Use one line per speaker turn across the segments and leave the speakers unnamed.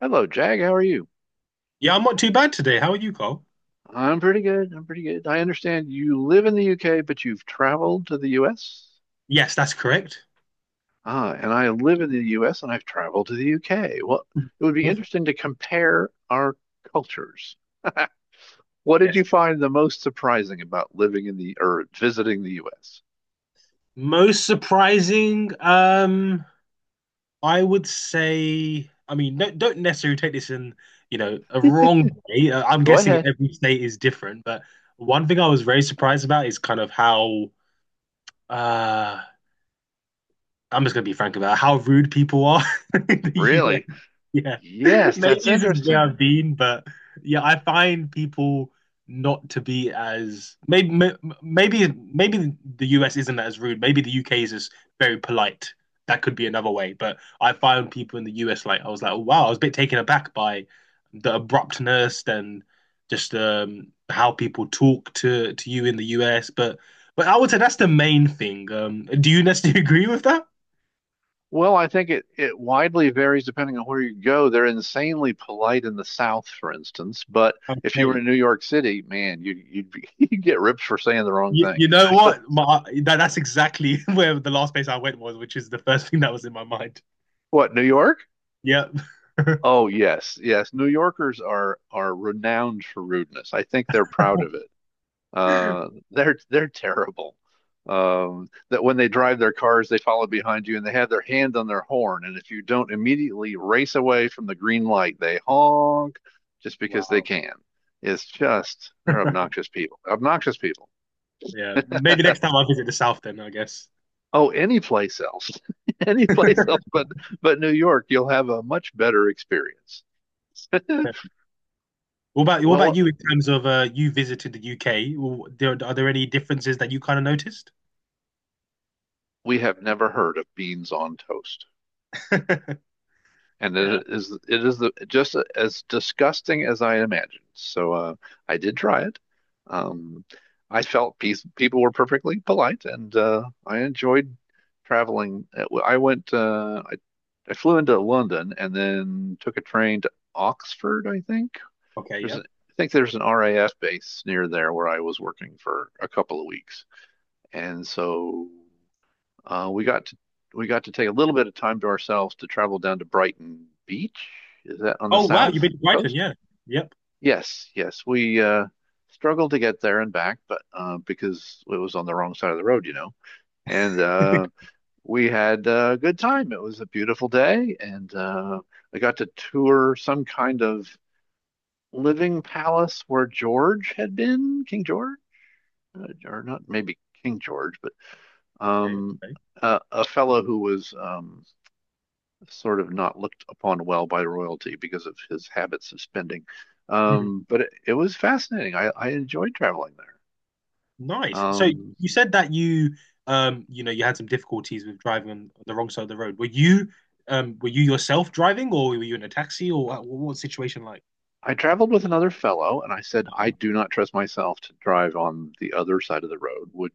Hello, Jag. How are you?
Yeah, I'm not too bad today. How are you, Carl?
I'm pretty good. I'm pretty good. I understand you live in the UK, but you've traveled to the US.
Yes, that's correct.
Ah, and I live in the US and I've traveled to the UK. Well, it would be
Perfect.
interesting to compare our cultures. What did you
Yes.
find the most surprising about living in the or visiting the US?
Most surprising, I would say, I mean, no, don't necessarily take this in, a wrong way. I'm
Go
guessing
ahead.
every state is different, but one thing I was very surprised about is kind of how, uh, I'm just gonna be frank about how rude people are in the
Really?
Yeah.
Yes,
Maybe
that's
this is where
interesting.
I've been, but yeah, I find people not to be as maybe m- maybe maybe the US isn't as rude. Maybe the UK is just very polite. That could be another way. But I find people in the US like I was like, oh, wow, I was a bit taken aback by the abruptness and just how people talk to you in the US. But I would say that's the main thing. Do you necessarily agree with that?
Well, I think it widely varies depending on where you go. They're insanely polite in the South, for instance, but if you were
Okay.
in New York City, man, you'd be, you'd get ripped for saying the wrong
You,
thing.
you know
So,
what? That's exactly where the last place I went was, which is the first thing that was in my mind.
what, New York?
Yep.
Oh, yes, yes. New Yorkers are renowned for rudeness. I think they're proud of it. They're terrible. That when they drive their cars, they follow behind you and they have their hand on their horn. And if you don't immediately race away from the green light, they honk just because they
Wow.
can. It's just they're obnoxious people. Obnoxious people.
Yeah. Maybe next time I visit the South, then I guess.
Oh, any place else, any place else but New York, you'll have a much better experience.
What about
Well,
you in terms of you visited the UK? Well, there, are there any differences that you kind of noticed?
we have never heard of beans on toast. And
Yeah.
it is just as disgusting as I imagined. So I did try it. Um, I felt peace, people were perfectly polite, and I enjoyed traveling. I flew into London and then took a train to Oxford, I think.
Okay. Yep.
I think there's an RAF base near there where I was working for a couple of weeks, and so. Uh, we got to we got to take a little bit of time to ourselves to travel down to Brighton Beach. Is that on the
Oh wow,
south
you've been to Brighton.
coast?
Yeah. Yep.
Yes, yes. We struggled to get there and back, but because it was on the wrong side of the road, you know. And
Okay.
we had a good time. It was a beautiful day, and I got to tour some kind of living palace where George had been, King George, or not maybe King George, but
Okay.
um, a fellow who was sort of not looked upon well by royalty because of his habits of spending.
Mm-hmm.
But it was fascinating. I enjoyed traveling there.
Nice. So
Um,
you said that you you know you had some difficulties with driving on the wrong side of the road. Were you yourself driving or were you in a taxi or what was the situation like?
I traveled with another fellow, and I said, I do not trust myself to drive on the other side of the road. Would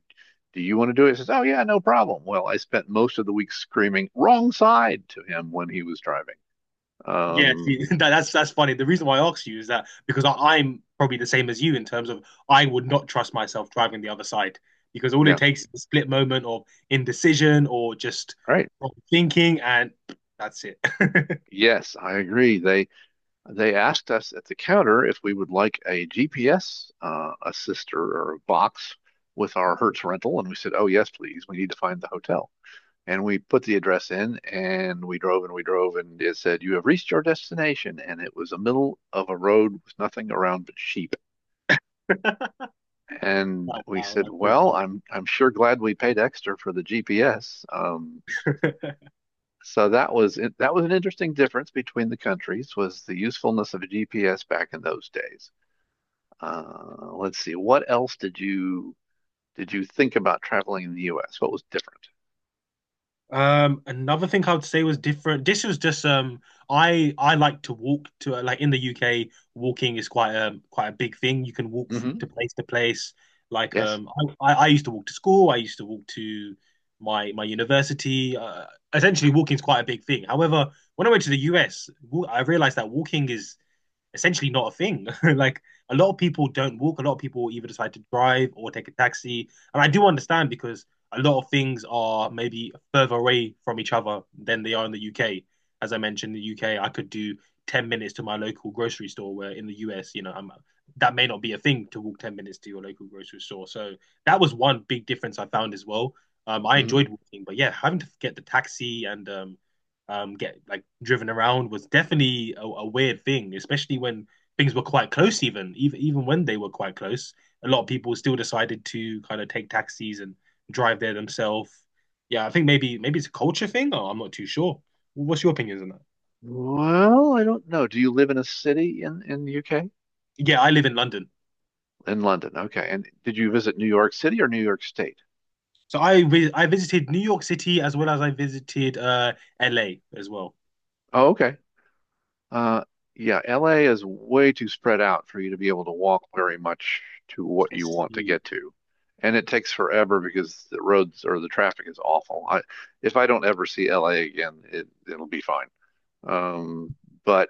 Do you want to do it? He says, oh yeah, no problem. Well, I spent most of the week screaming wrong side to him when he was driving.
Yeah, see,
Um,
that's funny. The reason why I asked you is that because I'm probably the same as you in terms of I would not trust myself driving the other side because all it
yeah,
takes is a split moment of indecision or just
right.
wrong thinking and that's it.
Yes, I agree. They asked us at the counter if we would like a GPS assister or a box with our Hertz rental, and we said, "Oh yes, please. We need to find the hotel." And we put the address in, and we drove and we drove, and it said, "You have reached your destination." And it was the middle of a road with nothing around but sheep. And
Wow,
we
wow,
said,
that's so
"Well,
funny.
I'm sure glad we paid extra for the GPS." Um, so that was an interesting difference between the countries was the usefulness of a GPS back in those days. Let's see. What else did you think about traveling in the U.S.? What was different?
Another thing I would say was different. This was just I like to walk to like in the UK, walking is quite a big thing. You can walk to
Hmm.
place to place. Like
Yes.
I used to walk to school. I used to walk to my university. Essentially, walking is quite a big thing. However, when I went to the US, I realized that walking is essentially not a thing. Like a lot of people don't walk. A lot of people either decide to drive or take a taxi. And I do understand because a lot of things are maybe further away from each other than they are in the UK. As I mentioned, in the UK, I could do 10 minutes to my local grocery store, where in the US, you know, that may not be a thing to walk 10 minutes to your local grocery store. So that was one big difference I found as well. I
Hmm.
enjoyed walking, but yeah, having to get the taxi and get like driven around was definitely a weird thing, especially when things were quite close. Even when they were quite close, a lot of people still decided to kind of take taxis and drive there themselves. Yeah, I think maybe it's a culture thing, or I'm not too sure. What's your opinions on that?
Well, I don't know. Do you live in a city in the U.K.?
Yeah, I live in London,
In London. Okay. And did you visit New York City or New York State?
so I visited New York City as well as I visited LA as well.
Oh, okay. Uh, yeah, L.A. is way too spread out for you to be able to walk very much to what
I
you want to
see.
get to. And it takes forever because the roads or the traffic is awful. If I don't ever see L.A. again, it'll be fine. Um, but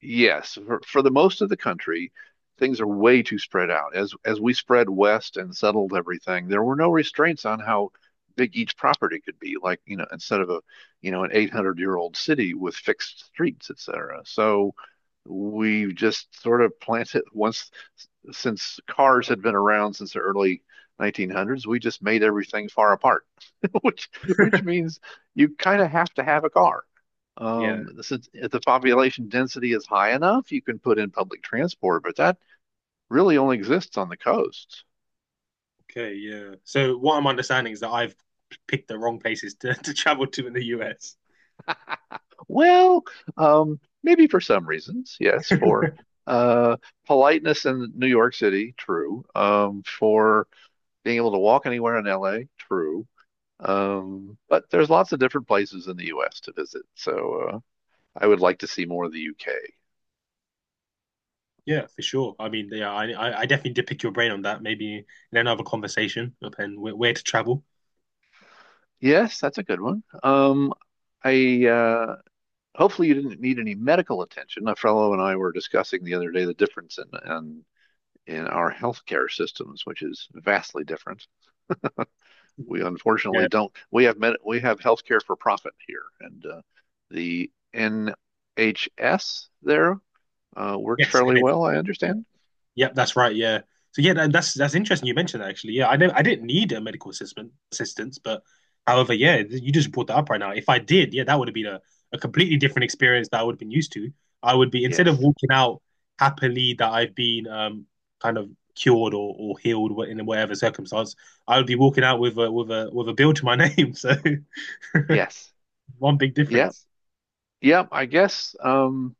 Yes, for the most of the country, things are way too spread out. As we spread west and settled everything, there were no restraints on how big each property could be. Like, you know, instead of a, you know, an 800-year-old city with fixed streets, etc. So we just sort of planted once since cars had been around since the early 1900s, we just made everything far apart, which which means you kind of have to have a car.
Yeah.
Since if the population density is high enough, you can put in public transport, but that really only exists on the coasts.
Okay. Yeah. So what I'm understanding is that I've picked the wrong places to, to travel to in the US.
Well, maybe for some reasons, yes, for uh, politeness in New York City, true. For being able to walk anywhere in LA, true. But there's lots of different places in the US to visit, so I would like to see more of the UK.
Yeah, for sure. I mean, yeah, I definitely did pick your brain on that. Maybe in another conversation, and where to travel.
Yes, that's a good one. I hopefully you didn't need any medical attention. A fellow and I were discussing the other day the difference in our healthcare systems, which is vastly different. We unfortunately
Yeah.
don't. We have healthcare for profit here, and the NHS there works
Yes.
fairly
And it-
well, I understand.
Yep. That's right. Yeah. So yeah, that's interesting. You mentioned that actually. Yeah, I know I didn't need a medical assistant assistance, but however, yeah, you just brought that up right now. If I did, yeah, that would have been a completely different experience that I would have been used to. I would be instead of
Yes.
walking out happily that I've been kind of cured or healed in whatever circumstance, I would be walking out with a bill to my name. So
Yes.
one big
Yeah.
difference.
yeah, I guess um,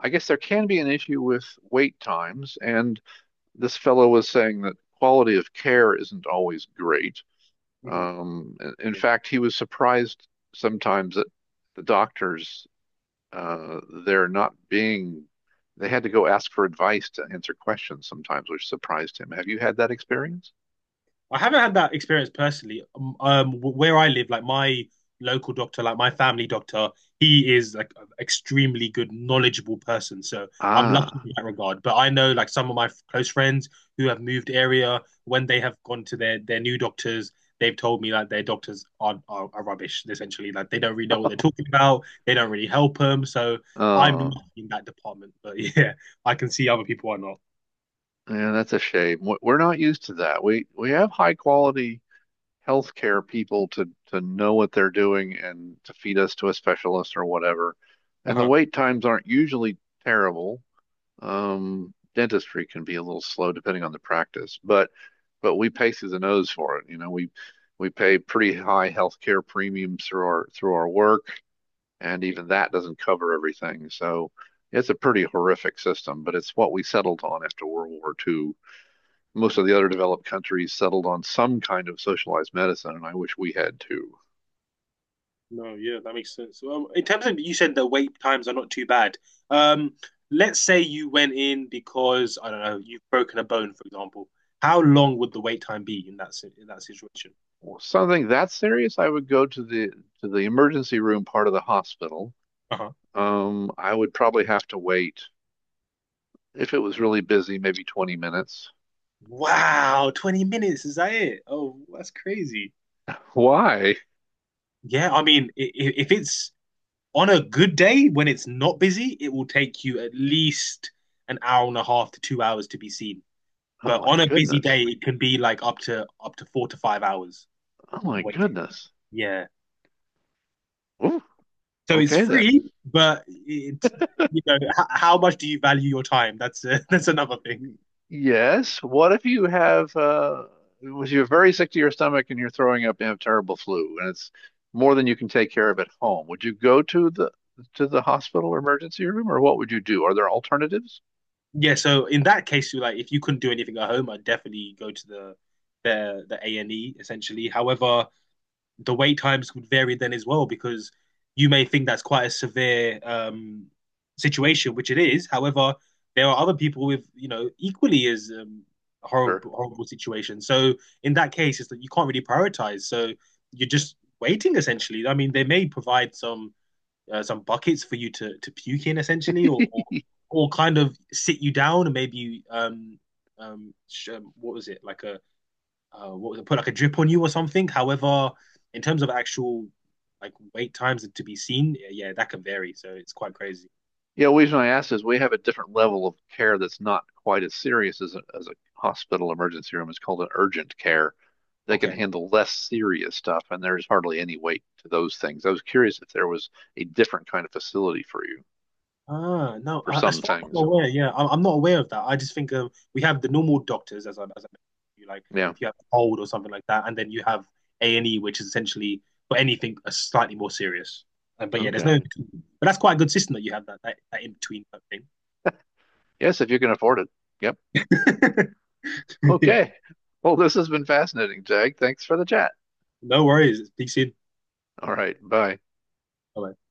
I guess there can be an issue with wait times, and this fellow was saying that quality of care isn't always great.
Mhm.
In in
Yeah.
fact, he was surprised sometimes that the doctors uh, they're not being they had to go ask for advice to answer questions sometimes, which surprised him. Have you had that experience?
I haven't had that experience personally. Where I live, like my local doctor, like my family doctor, he is like an extremely good, knowledgeable person. So I'm lucky
Ah.
in that regard. But I know like some of my close friends who have moved area, when they have gone to their new doctors, they've told me like their doctors are rubbish, essentially. Like they don't really know what they're talking about. They don't really help them. So I'm lucky
Oh,
in that department. But yeah, I can see other people are not.
yeah, that's a shame. We- we're not used to that. We have high quality healthcare people to know what they're doing and to feed us to a specialist or whatever. And the wait times aren't usually terrible. Dentistry can be a little slow depending on the practice, but we pay through the nose for it. You know, we pay pretty high healthcare premiums through our work, and even that doesn't cover everything. So it's a pretty horrific system, but it's what we settled on after World War II. Most of
Uh-huh.
the other developed countries settled on some kind of socialized medicine, and I wish we had too.
No, yeah, that makes sense. In terms of you said the wait times are not too bad. Um, let's say you went in because I don't know you've broken a bone, for example. How long would the wait time be in in that situation?
Well, something that serious, I would go to the emergency room part of the hospital.
Uh-huh.
I would probably have to wait if it was really busy, maybe 20 minutes.
Wow, 20 minutes, is that it? Oh, that's crazy.
Why?
Yeah, I mean, if it's on a good day when it's not busy, it will take you at least an hour and a half to 2 hours to be seen.
Oh
But
my
on a busy
goodness.
day, it can be like up to 4 to 5 hours
Oh my
waiting.
goodness.
Yeah.
Ooh,
So it's
okay then.
free, but it's how much do you value your time? That's that's another thing.
Y- yes. What if you have if you're very sick to your stomach and you're throwing up and have terrible flu and it's more than you can take care of at home? Would you go to the hospital or emergency room or what would you do? Are there alternatives?
Yeah. So in that case, you like if you couldn't do anything at home, I'd definitely go to the the A and E essentially. However, the wait times would vary then as well because you may think that's quite a severe situation, which it is. However, there are other people with you know equally as
Sure.
horrible situations. So in that case, it's that you can't really prioritize. So you're just waiting essentially. I mean, they may provide some buckets for you to puke in essentially, or or, or kind of sit you down and maybe sh- what was it like a what was it, put like a drip on you or something. However, in terms of actual like wait times to be seen, yeah, that can vary. So it's quite crazy.
Yeah, the reason I asked is we have a different level of care that's not quite as serious as as a hospital emergency room. It's called an urgent care. They can
Okay.
handle less serious stuff, and there's hardly any weight to those things. I was curious if there was a different kind of facility for you.
Ah, no.
For
As
some
far as
things.
I'm aware, yeah, I'm not aware of that. I just think of we have the normal doctors, as as I mentioned, you like
Yeah.
if you have a cold or something like that, and then you have A and E, which is essentially for anything slightly more serious. But yeah, there's no in
Okay.
between. But that's quite a good system that you have that in between type thing.
Yes, if you can afford it. Yep.
Yeah.
Okay. Well, this has been fascinating, Jag. Thanks for the chat.
No worries. Peace in.
All right. Bye.
Bye.